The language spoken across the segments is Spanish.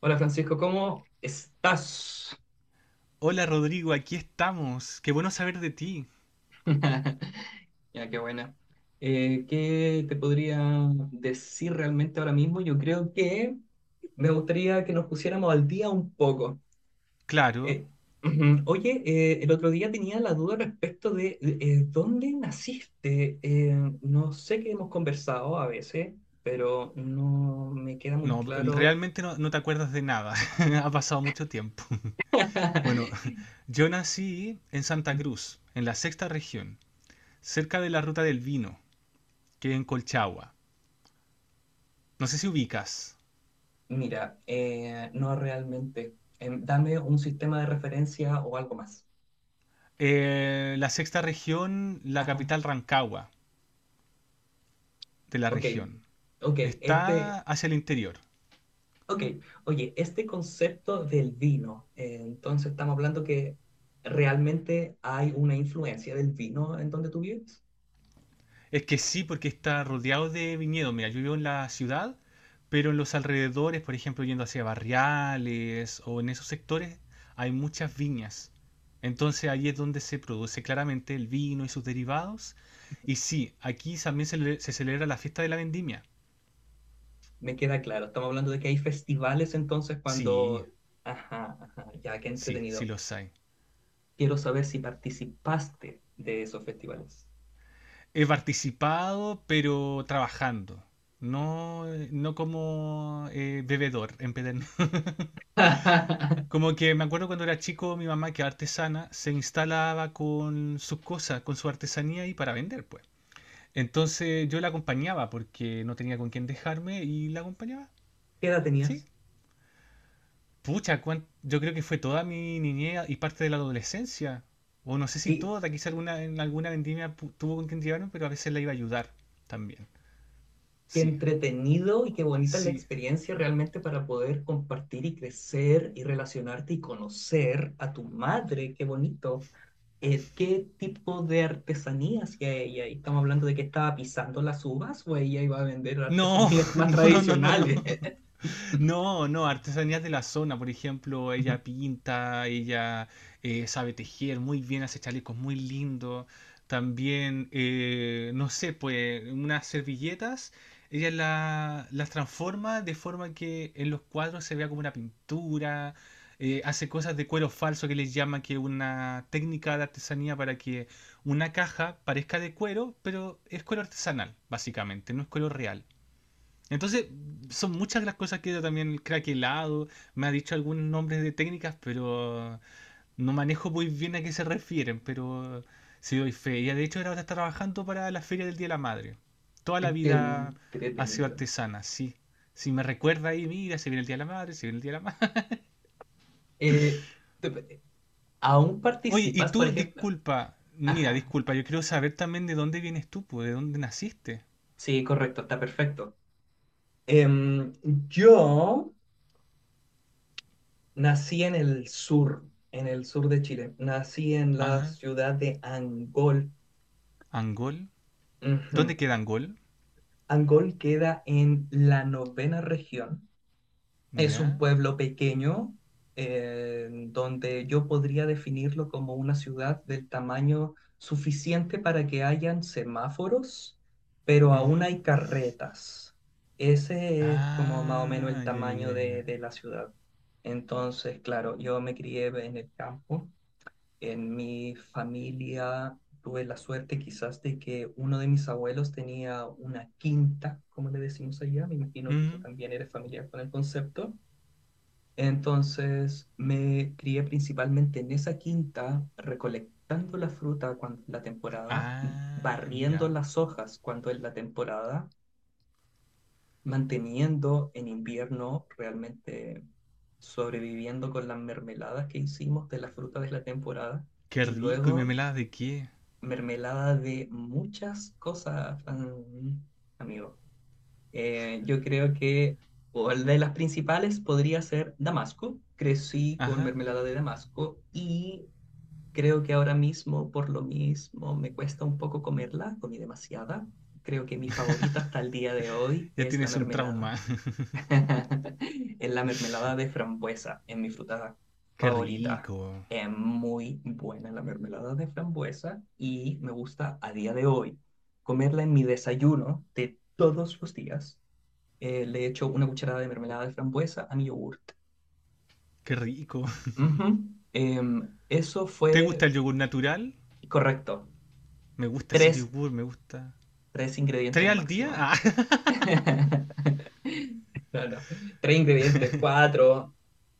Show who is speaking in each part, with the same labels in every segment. Speaker 1: Hola Francisco, ¿cómo estás?
Speaker 2: Hola Rodrigo, aquí estamos. Qué bueno saber de ti.
Speaker 1: Ya, qué buena. ¿Qué te podría decir realmente ahora mismo? Yo creo que me gustaría que nos pusiéramos al día un poco.
Speaker 2: Claro,
Speaker 1: Eh, Ujú. Oye, el otro día tenía la duda respecto de dónde naciste. No sé que hemos conversado a veces, pero no me queda muy
Speaker 2: no,
Speaker 1: claro.
Speaker 2: realmente no te acuerdas de nada. Ha pasado mucho tiempo. Bueno, yo nací en Santa Cruz, en la sexta región, cerca de la Ruta del Vino, que es en Colchagua. No sé si ubicas.
Speaker 1: Mira, no realmente. Dame un sistema de referencia o algo más.
Speaker 2: La sexta región, la
Speaker 1: Ajá.
Speaker 2: capital Rancagua de la
Speaker 1: Ok,
Speaker 2: región.
Speaker 1: ok,
Speaker 2: Está hacia el interior.
Speaker 1: ok, oye, este concepto del vino, entonces estamos hablando que realmente hay una influencia del vino en donde tú vives.
Speaker 2: Es que sí, porque está rodeado de viñedos. Mira, yo vivo en la ciudad, pero en los alrededores, por ejemplo, yendo hacia barriales o en esos sectores, hay muchas viñas. Entonces ahí es donde se produce claramente el vino y sus derivados. Y sí, aquí también se celebra la fiesta de la vendimia.
Speaker 1: Me queda claro, estamos hablando de que hay festivales entonces
Speaker 2: Sí,
Speaker 1: cuando. Ajá, ajá, ya, qué
Speaker 2: sí, sí
Speaker 1: entretenido.
Speaker 2: los hay.
Speaker 1: Quiero saber si participaste de esos festivales.
Speaker 2: He participado, pero trabajando. No, no como bebedor en empedernido.
Speaker 1: ¿Qué
Speaker 2: Como que me acuerdo cuando era chico, mi mamá, que es artesana, se instalaba con sus cosas, con su artesanía y para vender, pues. Entonces yo la acompañaba porque no tenía con quién dejarme y la acompañaba,
Speaker 1: edad
Speaker 2: sí.
Speaker 1: tenías?
Speaker 2: Pucha, yo creo que fue toda mi niñez y parte de la adolescencia. O no sé si toda, quizá alguna, en alguna vendimia tuvo con quien llevarme, pero a veces la iba a ayudar también.
Speaker 1: Qué
Speaker 2: Sí,
Speaker 1: entretenido y qué bonita es la
Speaker 2: sí.
Speaker 1: experiencia realmente para poder compartir y crecer y relacionarte y conocer a tu madre, qué bonito. ¿Qué tipo de artesanía hacía ella? Y estamos hablando de que estaba pisando las uvas o ella iba a vender
Speaker 2: No,
Speaker 1: artesanías más
Speaker 2: no, no, no, no, no.
Speaker 1: tradicionales.
Speaker 2: No, no, artesanías de la zona, por ejemplo, ella pinta, ella sabe tejer muy bien, hace chalecos muy lindos. También, no sé, pues unas servilletas, ella las transforma de forma que en los cuadros se vea como una pintura. Hace cosas de cuero falso que les llama que es una técnica de artesanía para que una caja parezca de cuero, pero es cuero artesanal, básicamente, no es cuero real. Entonces, son muchas las cosas que yo también el craquelado, me ha dicho algunos nombres de técnicas, pero no manejo muy bien a qué se refieren, pero sí doy fe. Ella de hecho ahora está trabajando para la Feria del Día de la Madre. Toda
Speaker 1: Qué
Speaker 2: la vida ha sido
Speaker 1: entretenido.
Speaker 2: artesana, sí. Si me recuerda ahí, mira, se viene el Día de la Madre, se viene el Día de la Madre.
Speaker 1: Eh, te- ¿Aún
Speaker 2: Oye, y
Speaker 1: participas, por
Speaker 2: tú,
Speaker 1: ejemplo?
Speaker 2: disculpa, mira,
Speaker 1: Ajá,
Speaker 2: disculpa, yo quiero saber también de dónde vienes tú, pues, de dónde naciste.
Speaker 1: sí, correcto, está perfecto. Em, yo Nací en el sur de Chile. Nací en la
Speaker 2: Ajá,
Speaker 1: ciudad de Angol.
Speaker 2: Angol.
Speaker 1: Ujú.
Speaker 2: ¿Dónde queda Angol?
Speaker 1: Angol queda en la novena región. Es un
Speaker 2: Ya.
Speaker 1: pueblo pequeño donde yo podría definirlo como una ciudad del tamaño suficiente para que hayan semáforos, pero aún
Speaker 2: Ujú.
Speaker 1: hay carretas. Ese es como más o menos el
Speaker 2: Ah, ya, ya,
Speaker 1: tamaño
Speaker 2: ya,
Speaker 1: de,
Speaker 2: ya.
Speaker 1: de la ciudad. Entonces, claro, yo me crié en el campo. En mi familia tuve la suerte quizás de que uno de mis abuelos tenía una quinta, como le decimos allá, me imagino que tú
Speaker 2: Mm.
Speaker 1: también eres familiar con el concepto. Entonces me crié principalmente en esa quinta, recolectando la fruta cuando es la temporada,
Speaker 2: Ah,
Speaker 1: barriendo
Speaker 2: mira.
Speaker 1: las hojas cuando es la temporada, manteniendo en invierno realmente sobreviviendo con las mermeladas que hicimos de la fruta de la temporada
Speaker 2: Qué
Speaker 1: y
Speaker 2: rico. ¿Y
Speaker 1: luego
Speaker 2: mermelada de qué?
Speaker 1: mermelada de muchas cosas, amigo. Yo creo que una de las principales podría ser Damasco. Crecí con
Speaker 2: Ajá.
Speaker 1: mermelada de Damasco y creo que ahora mismo, por lo mismo, me cuesta un poco comerla, comí demasiada. Creo que mi favorita hasta el día de hoy
Speaker 2: Ya
Speaker 1: es la
Speaker 2: tienes un
Speaker 1: mermelada.
Speaker 2: trauma.
Speaker 1: Es la mermelada de frambuesa, es mi fruta
Speaker 2: Qué
Speaker 1: favorita.
Speaker 2: rico.
Speaker 1: Es muy buena la mermelada de frambuesa y me gusta a día de hoy comerla en mi desayuno de todos los días. Le echo una cucharada de mermelada de frambuesa a mi yogurt.
Speaker 2: Qué rico.
Speaker 1: Ujú. Eso
Speaker 2: ¿Te gusta
Speaker 1: fue
Speaker 2: el yogur natural?
Speaker 1: correcto.
Speaker 2: Me gusta ese
Speaker 1: Tres,
Speaker 2: yogur, me gusta.
Speaker 1: tres
Speaker 2: ¿Tres
Speaker 1: ingredientes
Speaker 2: al día?
Speaker 1: máximo.
Speaker 2: Ah,
Speaker 1: No, no. Tres ingredientes, cuatro.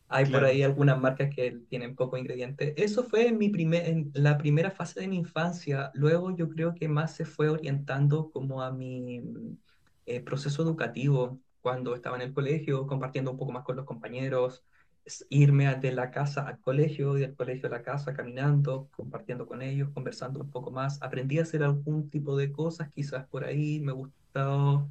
Speaker 1: Hay por
Speaker 2: claro.
Speaker 1: ahí algunas marcas que tienen poco ingrediente. Eso fue en en la primera fase de mi infancia. Luego yo creo que más se fue orientando como a mi proceso educativo cuando estaba en el colegio, compartiendo un poco más con los compañeros, de la casa al colegio y del colegio a la casa caminando, compartiendo con ellos, conversando un poco más. Aprendí a hacer algún tipo de cosas, quizás por ahí me gustó.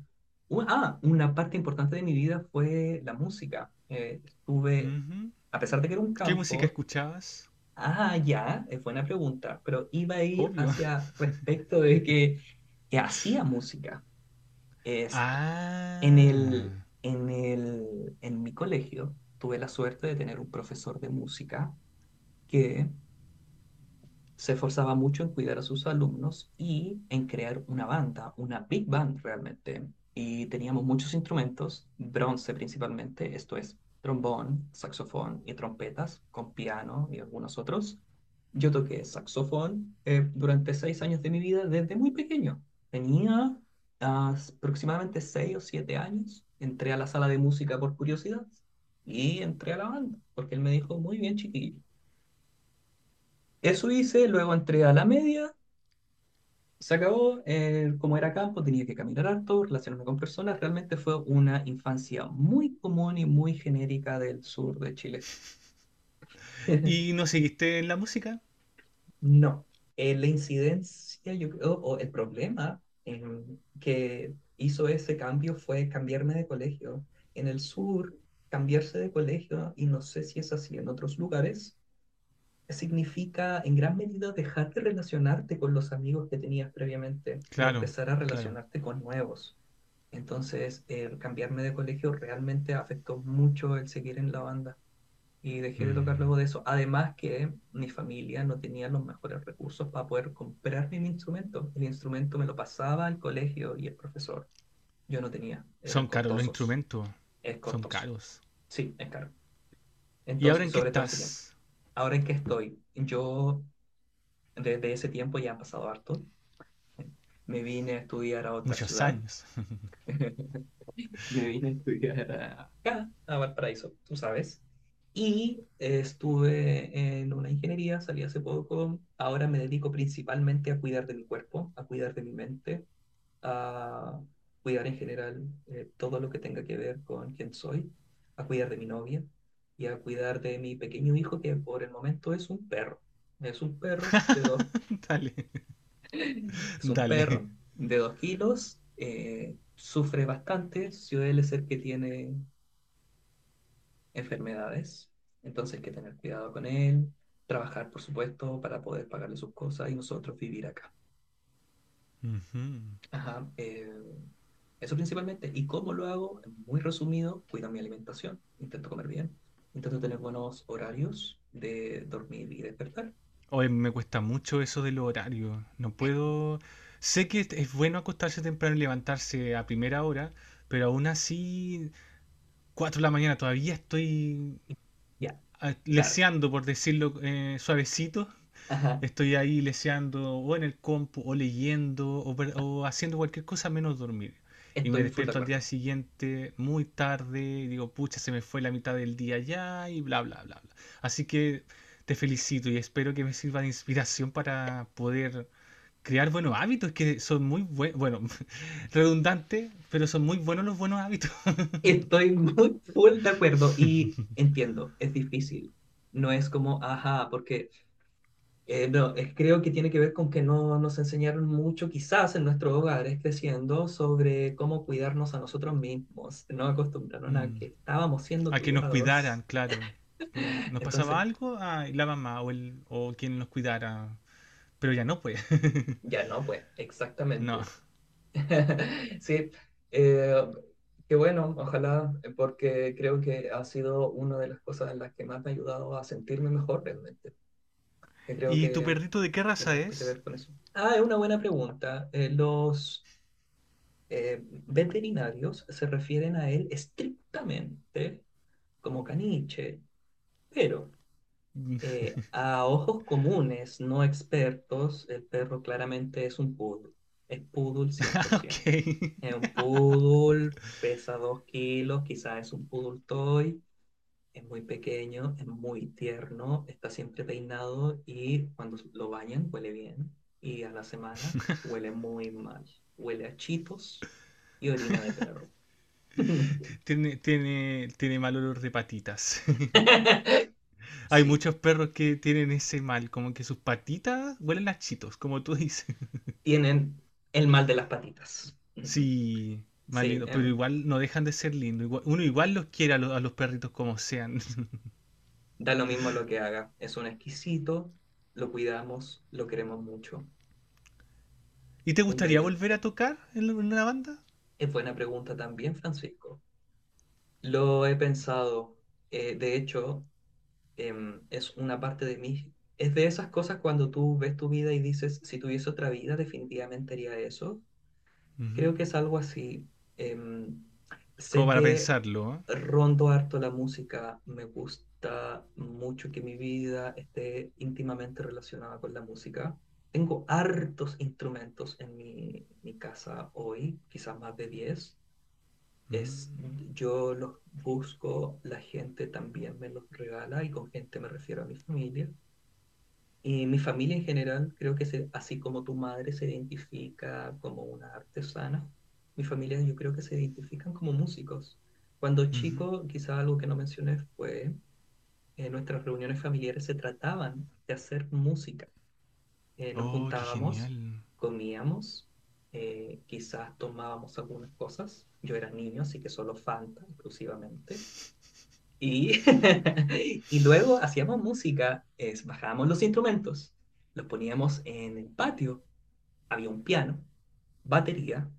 Speaker 1: Una parte importante de mi vida fue la música. Estuve
Speaker 2: Ujú.
Speaker 1: a pesar de que era un
Speaker 2: ¿Qué música
Speaker 1: campo,
Speaker 2: escuchabas?
Speaker 1: ah, ya, es buena pregunta, pero iba a ir
Speaker 2: Obvio.
Speaker 1: hacia respecto de que, hacía música. Est- en
Speaker 2: Ah.
Speaker 1: el, en mi colegio tuve la suerte de tener un profesor de música que se esforzaba mucho en cuidar a sus alumnos y en crear una banda, una big band realmente. Y teníamos muchos instrumentos, bronce principalmente, esto es trombón, saxofón y trompetas, con piano y algunos otros. Yo toqué saxofón durante 6 años de mi vida desde muy pequeño. Tenía aproximadamente 6 o 7 años. Entré a la sala de música por curiosidad y entré a la banda, porque él me dijo, muy bien, chiquillo. Eso hice, luego entré a la media, se acabó, como era campo, tenía que caminar harto, relacionarme con personas. Realmente fue una infancia muy común y muy genérica del sur de Chile.
Speaker 2: ¿Y no seguiste en la música?
Speaker 1: No, la incidencia, yo creo, o el problema que hizo ese cambio fue cambiarme de colegio. En el sur, cambiarse de colegio, y no sé si es así en otros lugares, significa en gran medida dejar de relacionarte con los amigos que tenías previamente y
Speaker 2: Claro,
Speaker 1: empezar a
Speaker 2: claro.
Speaker 1: relacionarte con nuevos. Entonces, el cambiarme de colegio realmente afectó mucho el seguir en la banda y dejé de tocar
Speaker 2: Mm.
Speaker 1: luego de eso. Además que mi familia no tenía los mejores recursos para poder comprarme mi instrumento. El instrumento me lo pasaba al colegio y el profesor. Yo no tenía,
Speaker 2: Son
Speaker 1: eran
Speaker 2: caros los
Speaker 1: costosos.
Speaker 2: instrumentos.
Speaker 1: Es
Speaker 2: Son
Speaker 1: costoso.
Speaker 2: caros.
Speaker 1: Sí, es caro.
Speaker 2: ¿Y
Speaker 1: Entonces,
Speaker 2: ahora
Speaker 1: y
Speaker 2: en qué
Speaker 1: sobre todo en ese tiempo.
Speaker 2: estás?
Speaker 1: Ahora en que estoy, yo Desde ese tiempo ya han pasado harto. Me vine a estudiar a otra
Speaker 2: Muchos
Speaker 1: ciudad.
Speaker 2: años.
Speaker 1: Me vine a estudiar acá, a Valparaíso, tú sabes. Y estuve en una ingeniería, salí hace poco. Ahora me dedico principalmente a cuidar de mi cuerpo, a cuidar de mi mente, a cuidar en general todo lo que tenga que ver con quién soy, a cuidar de mi novia y a cuidar de mi pequeño hijo que por el momento es un perro. Es un perro de dos
Speaker 2: Dale,
Speaker 1: Es un
Speaker 2: dale.
Speaker 1: perro de 2 kilos, sufre bastante, suele ser que tiene enfermedades, entonces hay que tener cuidado con él, trabajar, por supuesto, para poder pagarle sus cosas y nosotros vivir acá.
Speaker 2: Ujú.
Speaker 1: Ajá, eso principalmente. ¿Y cómo lo hago? Muy resumido, cuido mi alimentación, intento comer bien, intento tener buenos horarios de dormir y despertar.
Speaker 2: Hoy me cuesta mucho eso del horario. No puedo... Sé que bueno acostarse temprano y levantarse a primera hora, pero aún así, 4 de la mañana todavía estoy
Speaker 1: Y ya, claro.
Speaker 2: leseando, por decirlo suavecito.
Speaker 1: Ajá,
Speaker 2: Estoy ahí leseando o en el compu o leyendo o haciendo cualquier cosa menos dormir. Y me
Speaker 1: estoy full de
Speaker 2: despierto al día
Speaker 1: acuerdo.
Speaker 2: siguiente muy tarde y digo, pucha, se me fue la mitad del día ya y bla, bla, bla, bla. Así que te felicito y espero que me sirva de inspiración para poder crear buenos hábitos que son muy buenos, bueno, redundante, pero son muy buenos los buenos hábitos.
Speaker 1: Estoy muy full de acuerdo y entiendo, es difícil. No es como, ajá, porque no, creo que tiene que ver con que no nos enseñaron mucho, quizás en nuestros hogares creciendo, sobre cómo cuidarnos a nosotros mismos. No acostumbraron a
Speaker 2: Mm.
Speaker 1: que estábamos siendo
Speaker 2: A que nos
Speaker 1: cuidados.
Speaker 2: cuidaran, claro. Que nos pasaba
Speaker 1: Entonces,
Speaker 2: algo, ah, y la mamá o quien nos cuidara. Pero ya no, pues.
Speaker 1: ya no, pues,
Speaker 2: No.
Speaker 1: exactamente. Sí, eh, qué bueno, ojalá, porque creo que ha sido una de las cosas en las que más me ha ayudado a sentirme mejor realmente, que creo
Speaker 2: ¿Y tu
Speaker 1: que
Speaker 2: perrito de qué raza
Speaker 1: tiene harto que
Speaker 2: es?
Speaker 1: ver con eso. Ah, es una buena pregunta. Los eh, veterinarios se refieren a él estrictamente como caniche, pero a ojos comunes, no expertos, el perro claramente es un poodle. Es poodle cien por
Speaker 2: Ok,
Speaker 1: ciento Es un poodle, pesa 2 kilos, quizás es un poodle toy. Es muy pequeño, es muy tierno, está siempre peinado y cuando lo bañan huele bien. Y a la semana huele muy mal. Huele a chitos y orina de perro.
Speaker 2: tiene mal olor de patitas. Hay
Speaker 1: Sí,
Speaker 2: muchos perros que tienen ese mal, como que sus patitas huelen a chitos, como tú dices.
Speaker 1: tienen el mal de las patitas.
Speaker 2: Sí, más
Speaker 1: Sí,
Speaker 2: lindo, pero igual no dejan de ser lindos. Uno igual los quiere a los perritos como sean.
Speaker 1: da lo mismo lo que haga. Es un exquisito, lo cuidamos, lo queremos mucho.
Speaker 2: ¿Y te
Speaker 1: Un
Speaker 2: gustaría
Speaker 1: bello.
Speaker 2: volver a tocar en en una banda?
Speaker 1: Es buena pregunta también, Francisco. Lo he pensado, de hecho, es una parte de mí. Es de esas cosas cuando tú ves tu vida y dices, si tuviese otra vida, definitivamente haría eso. Creo
Speaker 2: Ujú.
Speaker 1: que es algo así. Em,
Speaker 2: Como
Speaker 1: Sé
Speaker 2: para
Speaker 1: que
Speaker 2: pensarlo, ¿eh?
Speaker 1: rondo harto la música, me gusta mucho que mi vida esté íntimamente relacionada con la música. Tengo hartos instrumentos en mi casa hoy, quizás más de 10 es,
Speaker 2: Mm.
Speaker 1: yo los busco, la gente también me los regala y con gente me refiero a mi familia. Y mi familia en general, creo que se, así como tu madre se identifica como una artesana, mi familia yo creo que se identifican como músicos. Cuando
Speaker 2: Ujú.
Speaker 1: chico, quizá algo que no mencioné fue, en nuestras reuniones familiares se trataban de hacer música nos
Speaker 2: Oh, qué
Speaker 1: juntábamos,
Speaker 2: genial.
Speaker 1: comíamos, quizás tomábamos algunas cosas. Yo era niño, así que solo Fanta exclusivamente. Y, y luego hacíamos música, bajábamos los instrumentos, los poníamos en el patio, había un piano, batería,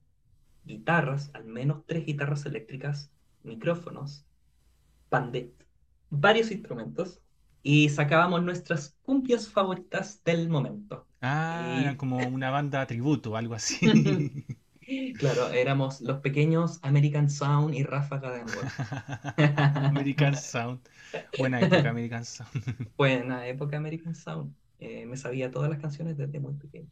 Speaker 1: guitarras, al menos tres guitarras eléctricas, micrófonos, pandet, varios instrumentos, y sacábamos nuestras cumbias favoritas del momento.
Speaker 2: Ah, eran
Speaker 1: Y
Speaker 2: como una banda tributo, algo así.
Speaker 1: claro, éramos los pequeños American Sound y Ráfaga de Angol.
Speaker 2: American Sound. Buena época, American Sound.
Speaker 1: Fue en la época American Sound. Me sabía todas las canciones desde muy pequeño.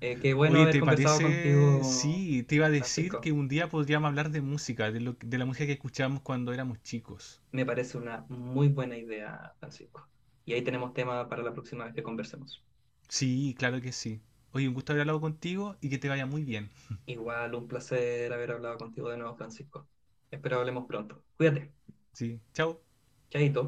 Speaker 1: Qué bueno
Speaker 2: Oye,
Speaker 1: haber
Speaker 2: ¿te
Speaker 1: conversado
Speaker 2: parece?
Speaker 1: contigo,
Speaker 2: Sí, te iba a decir
Speaker 1: Francisco.
Speaker 2: que un día podríamos hablar de música, de la música que escuchábamos cuando éramos chicos.
Speaker 1: Me parece una muy buena idea, Francisco. Y ahí tenemos tema para la próxima vez que conversemos.
Speaker 2: Sí, claro que sí. Oye, un gusto haber hablado contigo y que te vaya muy bien.
Speaker 1: Igual un placer haber hablado contigo de nuevo, Francisco. Espero hablemos pronto. Cuídate.
Speaker 2: Sí, chao.
Speaker 1: Chaito.